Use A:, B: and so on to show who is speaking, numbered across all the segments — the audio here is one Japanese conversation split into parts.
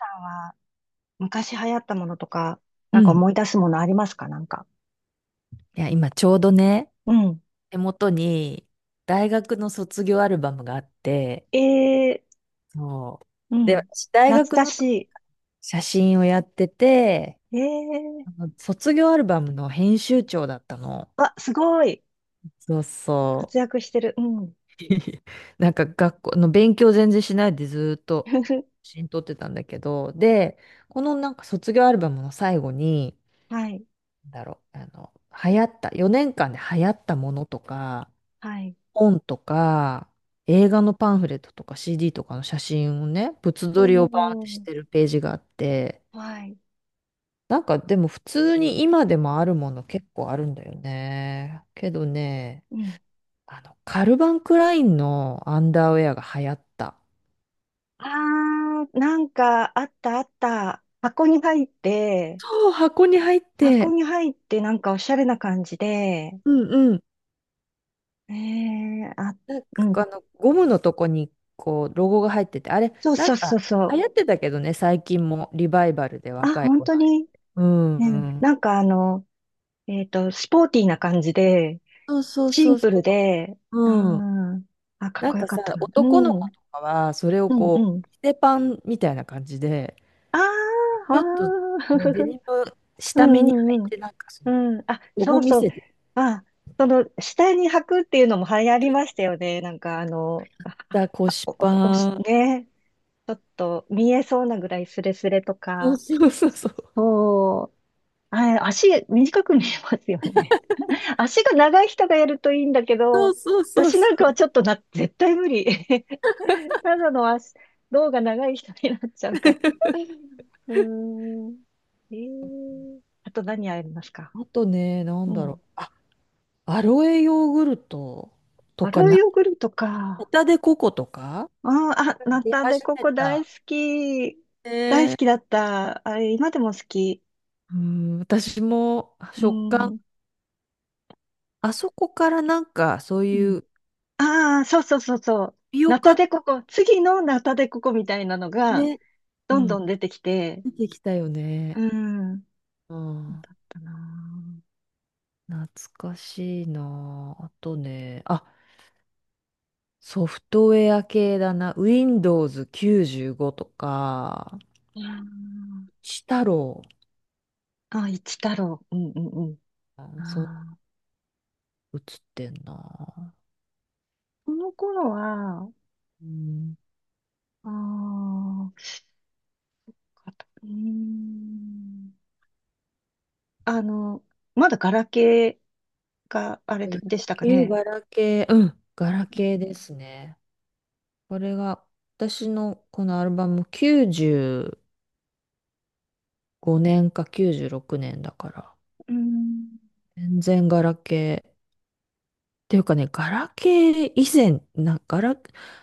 A: は。昔流行ったものとか、
B: う
A: なん
B: ん。
A: か
B: い
A: 思い出すものありますかなんか。
B: や、今ちょうどね、
A: うん。
B: 手元に大学の卒業アルバムがあって、
A: ええ、
B: そ
A: う
B: う。で、
A: ん。
B: 私大
A: 懐
B: 学
A: か
B: の時
A: し
B: 写真をやってて、
A: い。
B: あ
A: ええ、
B: の卒業アルバムの編集長だったの。
A: あ、すごい。
B: そう
A: 活
B: そ
A: 躍してる。うん。
B: う。なんか学校の勉強全然しないでずーっと 写真撮ってたんだけど、で、このなんか卒業アルバムの最後に、
A: はい。
B: なんだろう、あの、流行った、4年間で流行ったものとか、
A: はい。
B: 本とか、映画のパンフレットとか CD とかの写真をね、物
A: お
B: 撮りをバーンってし
A: ー。
B: てるページがあって、
A: はい。
B: なんかでも普通に今でもあるもの結構あるんだよね。けどね、
A: うん。
B: あの、カルバンクラインのアンダーウェアが流行った。
A: あなんか、あったあった。箱に入って、
B: そう、箱に入っ
A: 箱
B: て、
A: に入ってなんかおしゃれな感じで、
B: うんうん。
A: ええ、あ、うん。
B: ゴムのとこにこう、ロゴが入ってて、あれ、
A: そう
B: な
A: そ
B: ん
A: う
B: か
A: そうそう。
B: 流行ってたけどね、最近もリバイバルで
A: あ、
B: 若い
A: 本
B: 子の
A: 当
B: あれ。
A: に。
B: うんう
A: うん。
B: ん。
A: なんかスポーティーな感じで、
B: そうそう
A: シ
B: そ
A: ン
B: う
A: プル
B: そ
A: で、あ
B: う。
A: ーかっ
B: なん
A: こよ
B: か
A: か
B: さ、
A: ったな。う
B: 男の子
A: ん、
B: とかは、それを
A: うん、
B: こ
A: うん。
B: う、着せパンみたいな感じで、
A: あー
B: ちょっと
A: あ
B: こうデ
A: ー、
B: ニム
A: う
B: 下目に履
A: んうんう
B: いて、
A: ん。うん、あ、
B: ロ
A: そ
B: ゴ
A: う
B: 見
A: そう。
B: せて
A: あ、下に履くっていうのも流行りましたよね。なんか、あの、あ
B: た
A: あ
B: 腰
A: お、お
B: パ
A: し、
B: ン。
A: ね、ちょっと見えそうなぐらいスレスレと
B: そう
A: か。
B: そうそうそう。
A: そう。あ、足短く見えますよね。足が長い人がやるといいんだけ
B: そう
A: ど、
B: そうそう
A: 私
B: そ
A: なんかは
B: う。
A: ちょっとな、絶対無理。ただの足、胴が長い人になっちゃうから。うーん。あと何ありますか？
B: あとね、なん
A: う
B: だろ
A: ん。
B: う。あ、アロエヨーグルトと
A: ア
B: か、
A: ロイ
B: な、
A: ヨーグルト
B: ホ
A: か。
B: タデココとか
A: うん、あ、ナ
B: 出
A: タデ
B: 始
A: コ
B: め
A: コ大
B: た。
A: 好き。大好
B: ね、
A: きだった。あれ、今でも好き。
B: うん、私も
A: う
B: 食感、
A: ん。
B: あそこからなんかそう
A: う
B: い
A: ん。
B: う、タ
A: ああ、そうそうそうそう。
B: ピオ
A: ナタ
B: カ
A: デココ、次のナタデココみたいなのが、
B: ね、う
A: どんど
B: ん、
A: ん出てきて、
B: 出てきたよ
A: う
B: ね。
A: ん。
B: うん。
A: たな
B: 懐かしいなあ。あとね、あ、ソフトウェア系だな。Windows 95とか、
A: あ。
B: シ太郎。
A: ああ、一太郎。うんうんうん。
B: あ、そう、
A: ああ、
B: 映ってんな。
A: この頃は、
B: うん。
A: ああ、かとうーん。あの、まだガラケーがあれ
B: ガラ
A: でしたか
B: ケー、
A: ね。
B: ガラケー。うん、ガラケーですね。これが、私のこのアルバム95年か96年だから、
A: うん。
B: 全然ガラケー。ていうかね、ガラケー以前、な、ガラ、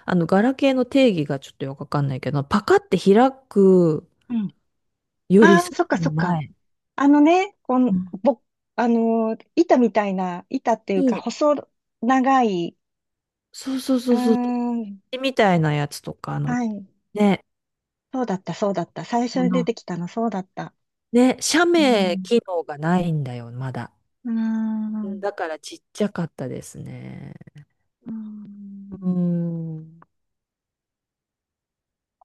B: あの、ガラケーの定義がちょっとよくわかんないけど、パカって開く
A: うん。
B: より
A: あ
B: さ
A: あ、そっか
B: ら
A: そ
B: に
A: っか。
B: 前。
A: あのね、こ
B: う
A: の、
B: ん、
A: ぼ、あのー、板みたいな、板っていうか、細長い、
B: そうそう
A: う
B: そ
A: ー
B: うそうそ
A: ん、
B: う。みたいなやつとか、あの、
A: はい。
B: ね、
A: そうだった、そうだった。最初
B: あ
A: に出
B: の、
A: てきたの、そうだった。
B: ね、写
A: う
B: メ
A: ん。
B: 機能がないんだよ、まだ。
A: うー
B: うん、
A: ん。
B: だからちっちゃかったですね。
A: うー
B: う
A: ん、
B: ん。う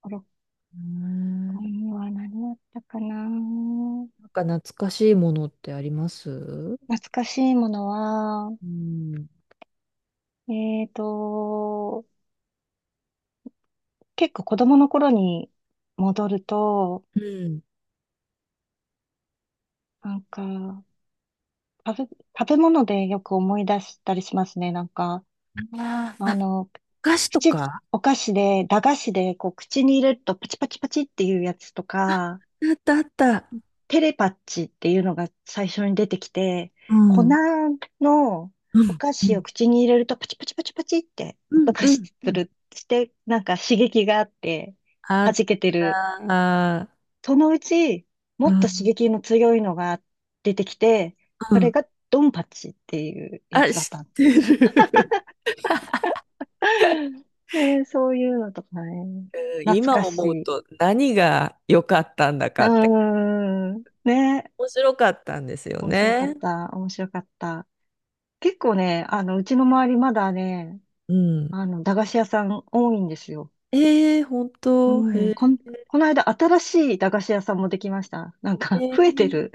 A: 5、6回
B: ん、
A: には何だったかな。
B: なんか懐かしいものってあります？う
A: 懐かしいものは、
B: ん。
A: えーと、結構子供の頃に戻ると、
B: うん。
A: なんか、食べ物でよく思い出したりしますね。なんか、
B: あー
A: あ
B: あ、
A: の、
B: お菓子と
A: 口、
B: か。
A: お菓子で、駄菓子で、こう、口に入れるとパチパチパチっていうやつとか、
B: あったあった。
A: テレパッチっていうのが最初に出てきて、
B: う
A: 粉
B: ん。
A: の
B: う
A: お
B: ん。
A: 菓
B: う
A: 子を
B: ん。
A: 口に入れるとパチパチパチパチって
B: う
A: 音
B: ん
A: が子
B: うん。
A: す
B: うん、
A: る、して、なんか刺激があって
B: あ
A: 弾
B: っ
A: けてる。
B: た。
A: そのうち、もっ
B: う
A: と刺
B: ん。
A: 激の強いのが出てきて、
B: う
A: それ
B: ん。
A: がドンパチっていうや
B: あ、
A: つだっ
B: 知っ
A: たの。
B: てる。
A: ねえ、そういうのとかね。
B: うん、
A: 懐
B: 今
A: かし
B: 思う
A: い。う
B: と何が良かったんだかって
A: ーん。ねえ、
B: 面白かったんですよ
A: 面白かっ
B: ね。
A: た。面白かった。結構ね、うちの周りまだね、
B: うん。
A: 駄菓子屋さん多いんですよ。
B: ええ、本
A: う
B: 当。へ
A: ん、
B: え。
A: この間新しい駄菓子屋さんもできました。なん
B: え
A: か、増えて
B: ー、
A: る。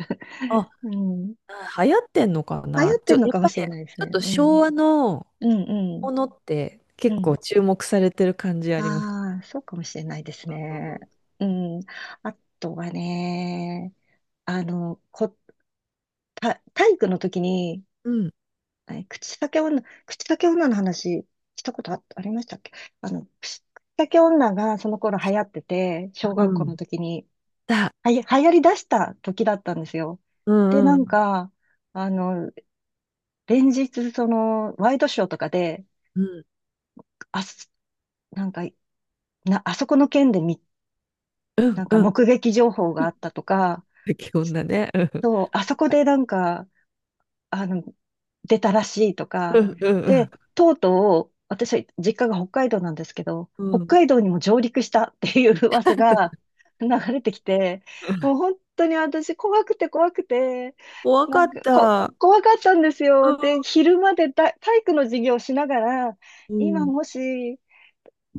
B: あ、
A: うん。流
B: 流行ってんのか
A: 行
B: な。
A: っ
B: ち
A: てん
B: ょ、
A: の
B: やっ
A: かも
B: ぱ
A: し
B: り
A: れ
B: ち
A: ないです
B: ょっ
A: ね。
B: と
A: う
B: 昭
A: ん。
B: 和の
A: うん、
B: ものって
A: うん、
B: 結
A: う
B: 構
A: ん。
B: 注目されてる感じあります。
A: ああ、そうかもしれないですね。うん。あとはね、あの、こ、体育の時に、
B: うん。
A: 口裂け女の話したことありましたっけ？口裂け女がその頃流行ってて、小学
B: う
A: 校の
B: ん。
A: 時に、
B: だ。
A: 流行り出した時だったんですよ。
B: う
A: で、
B: ん
A: な
B: う
A: ん
B: ん。
A: か、あの、連日、ワイドショーとかで、
B: うん。
A: あす、なんか、あそこの件で
B: う
A: な
B: ん
A: んか
B: うん、
A: 目撃情報があったとか、
B: 基本だね。うん。
A: そう、あそこでなんか、あの、出たらしいと
B: う
A: か。
B: んうん
A: で、とうとう、私は実家が北海道なんですけど、
B: う
A: 北
B: ん。うん。
A: 海道にも上陸したっていう噂が流れてきて、もう本当に私怖くて怖くて、
B: 怖
A: な
B: かっ
A: んか
B: た。
A: 怖かったんです
B: う
A: よ。
B: ん。
A: で、昼まで体育の授業をしながら、
B: う
A: 今
B: ん。
A: もし、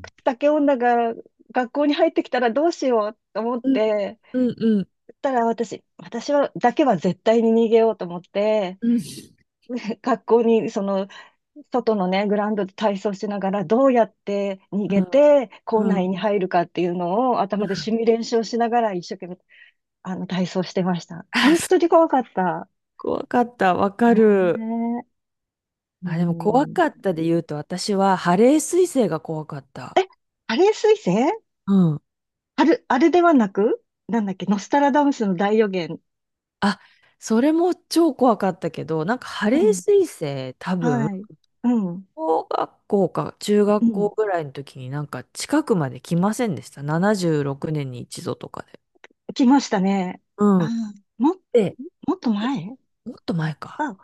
A: 口竹女が学校に入ってきたらどうしようと思っ
B: うん
A: て、
B: うん。
A: たら私、私は、だけは絶対に逃げようと思って、
B: うん。
A: 学校にその外のね、グラウンドで体操しながら、どうやって逃
B: う
A: げ
B: ん。
A: て、校
B: う
A: 内
B: ん。
A: に入るかっていうのを頭でシミュレーションしながら、一生懸命、体操してました。
B: あ
A: 本
B: そ
A: 当に怖かった。
B: 怖かった。わか
A: ね
B: る。
A: え。う
B: あ、でも怖
A: ん。
B: かったで言うと、私はハレー彗星が怖かった。
A: あれ彗星
B: うん。
A: ある、あれではなく、なんだっけ、ノスタラダムスの大予言。
B: あ、それも超怖かったけど、なんかハ
A: う
B: レー
A: ん。
B: 彗星多分、
A: はい。うん。
B: 小学校か中
A: う
B: 学
A: ん。
B: 校ぐらいの時になんか近くまで来ませんでした？76年に一度とかで。
A: 来ましたね。あ
B: うん。
A: ー、も、
B: で、
A: もっと前。
B: もっと前か。
A: あ、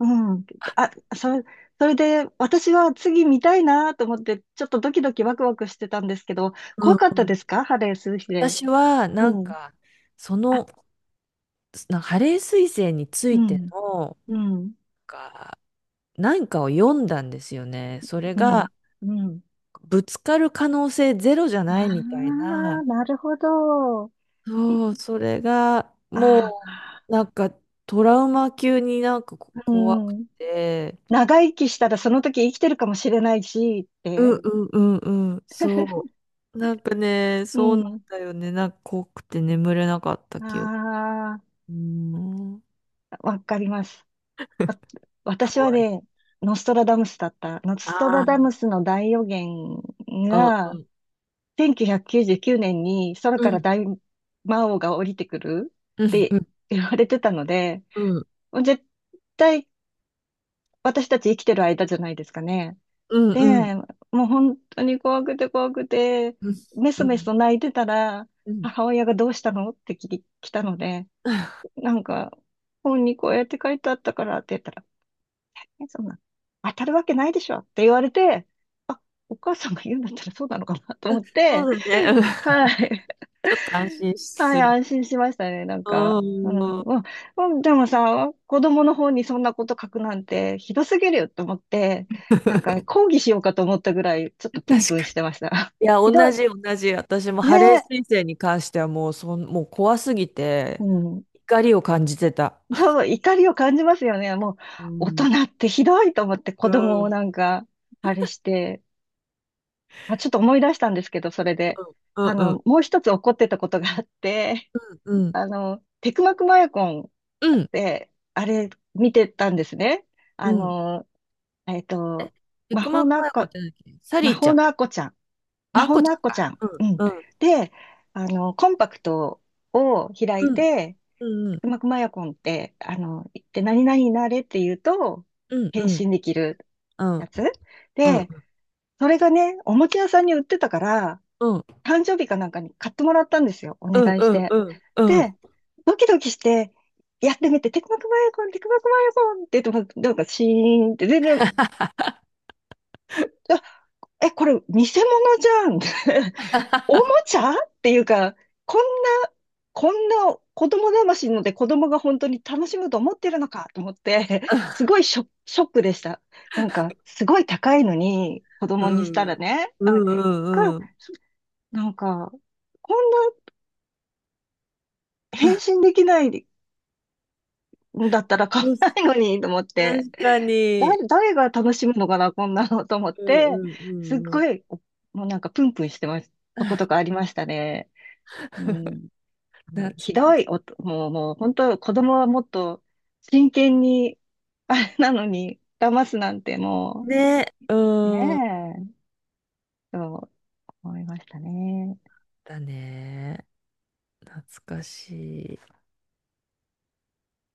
A: うん。あ、それで、私は次見たいなと思って、ちょっとドキドキワクワクしてたんですけど、
B: う
A: 怖
B: ん
A: かっ
B: う
A: た
B: ん、
A: ですか？ハレーする日で。
B: 私は、
A: うん。
B: そ
A: あ、
B: の、なんかハレー彗星につ
A: う
B: いて
A: ん、
B: の、
A: うん、
B: か、なんかを読んだんですよね。それ
A: うん、
B: が、
A: うん。
B: ぶつかる可能性ゼロじゃないみた
A: あ
B: い
A: あ、
B: な。
A: なるほど。い
B: そう、それが、
A: あ
B: も
A: あ、
B: う、なんか、トラウマ級になんかこ
A: う
B: 怖く
A: ん。
B: て、
A: 長生きしたらその時生きてるかもしれないし、っ
B: う
A: て。
B: んうんうんうん、そう。なんかね、
A: う
B: そうなん
A: ん。
B: だよね。なんか怖くて眠れなかった記憶。
A: あ
B: うん。
A: あ、わかります。わ私は
B: 怖い。
A: ね、ノストラダムスだった。ノストラ
B: あ、
A: ダ
B: あ
A: ムスの大予言
B: あ、う
A: が、
B: ん、
A: 1999年に空
B: う
A: から
B: ん、
A: 大魔王が降りてくる
B: う
A: っ
B: ん、
A: て
B: うん、
A: 言われてたので、
B: うん、
A: もう絶対私たち生きてる間じゃないですかね。
B: うん、うん、
A: で、もう本当に怖くて怖くて、
B: うん、
A: メ
B: う
A: ソメ
B: ん、
A: ソ泣いてたら、
B: うん。
A: 母親がどうしたのって聞き来たので、なんか、本にこうやって書いてあったからって言ったら、え、そんな、当たるわけないでしょって言われて、あ、お母さんが言うんだったらそうなのかなと思って、
B: そうだね。うん。ち
A: はい。
B: ょっと安心
A: はい、
B: する。
A: 安心しましたね、なんか。
B: う
A: うん、
B: ん。
A: まあ、うんでもさ、子供の方にそんなこと書くなんてひどすぎるよと思って、なんか抗議しようかと思ったぐらい、ちょっと
B: 確
A: プ
B: か
A: ンプンし
B: に。
A: てました。
B: いや、
A: ひど
B: 同
A: い。
B: じ、同じ。私も
A: ね
B: ハレー
A: え。
B: 彗星に関してはもう、そん、もう怖すぎ
A: う
B: て、
A: ん。
B: 怒りを感じてた。
A: そう、怒りを感じますよね。もう、
B: う
A: 大人
B: ん。
A: ってひどいと思って子
B: う
A: 供を
B: ん。
A: なんか、あれして、あ、ちょっと思い出したんですけど、それで。
B: うん。うん。
A: もう一つ怒ってたことがあって、
B: う ん。
A: テクマクマヤコンっ
B: うん。うん。
A: て、あれ、見てたんですね。
B: う
A: あ
B: ん。
A: の、えっ
B: え、
A: と、
B: テ
A: 魔
B: ク
A: 法
B: マ
A: のア
B: ク
A: ッ
B: アヤコ
A: コ、
B: っゃ何？サ
A: 魔
B: リーちゃ
A: 法
B: ん。
A: のアッコちゃん。
B: あ、
A: 魔
B: ア
A: 法
B: コち
A: の
B: ゃ
A: ア
B: ん
A: ッコち
B: か。
A: ゃん。
B: う
A: う
B: ん。
A: ん。
B: うん。
A: で、コンパクトを開
B: う
A: い
B: ん。
A: て、
B: う
A: テ
B: ん。
A: クマクマヤコンって、言って何々になれって言うと、
B: うん。
A: 変
B: うん。
A: 身できる
B: うん。うん。
A: やつ。
B: う
A: で、
B: ん。
A: それがね、おもちゃ屋さんに売ってたから、
B: うん。
A: 誕生日かなんかに買ってもらったんですよ。お
B: うん
A: 願いし
B: うん
A: て。
B: うんう
A: で、
B: ん。
A: ドキドキして、やってみて、テクマクマヤコン、テクマクマヤコンって言っても、なんかシーンって全然、あ、え、これ偽物じゃん。おもちゃっていうか、こんな、こんな子供騙しので子供が本当に楽しむと思ってるのかと思って、すごいショックでした。なんか、すごい高いのに、子
B: う
A: 供にした
B: ん
A: らね、
B: うんう
A: か、
B: んうん。
A: なんかこんな返信できないんだったら買わないのにと思って、
B: 確か
A: だ、
B: に。
A: 誰が楽しむのかな、こんなのと思っ
B: うんう
A: て、
B: んう
A: すっ
B: んう
A: ご
B: ん。
A: い、もうなんかプンプンしてます。とことかありましたね。うん、も
B: 懐
A: うひ
B: か
A: ど
B: し
A: い、もう本当、子供はもっと真剣に、あれなのに、騙すなんて
B: い。
A: も
B: ね。
A: う、
B: うん。
A: ねえ、と思いましたね。
B: だね。懐かしい。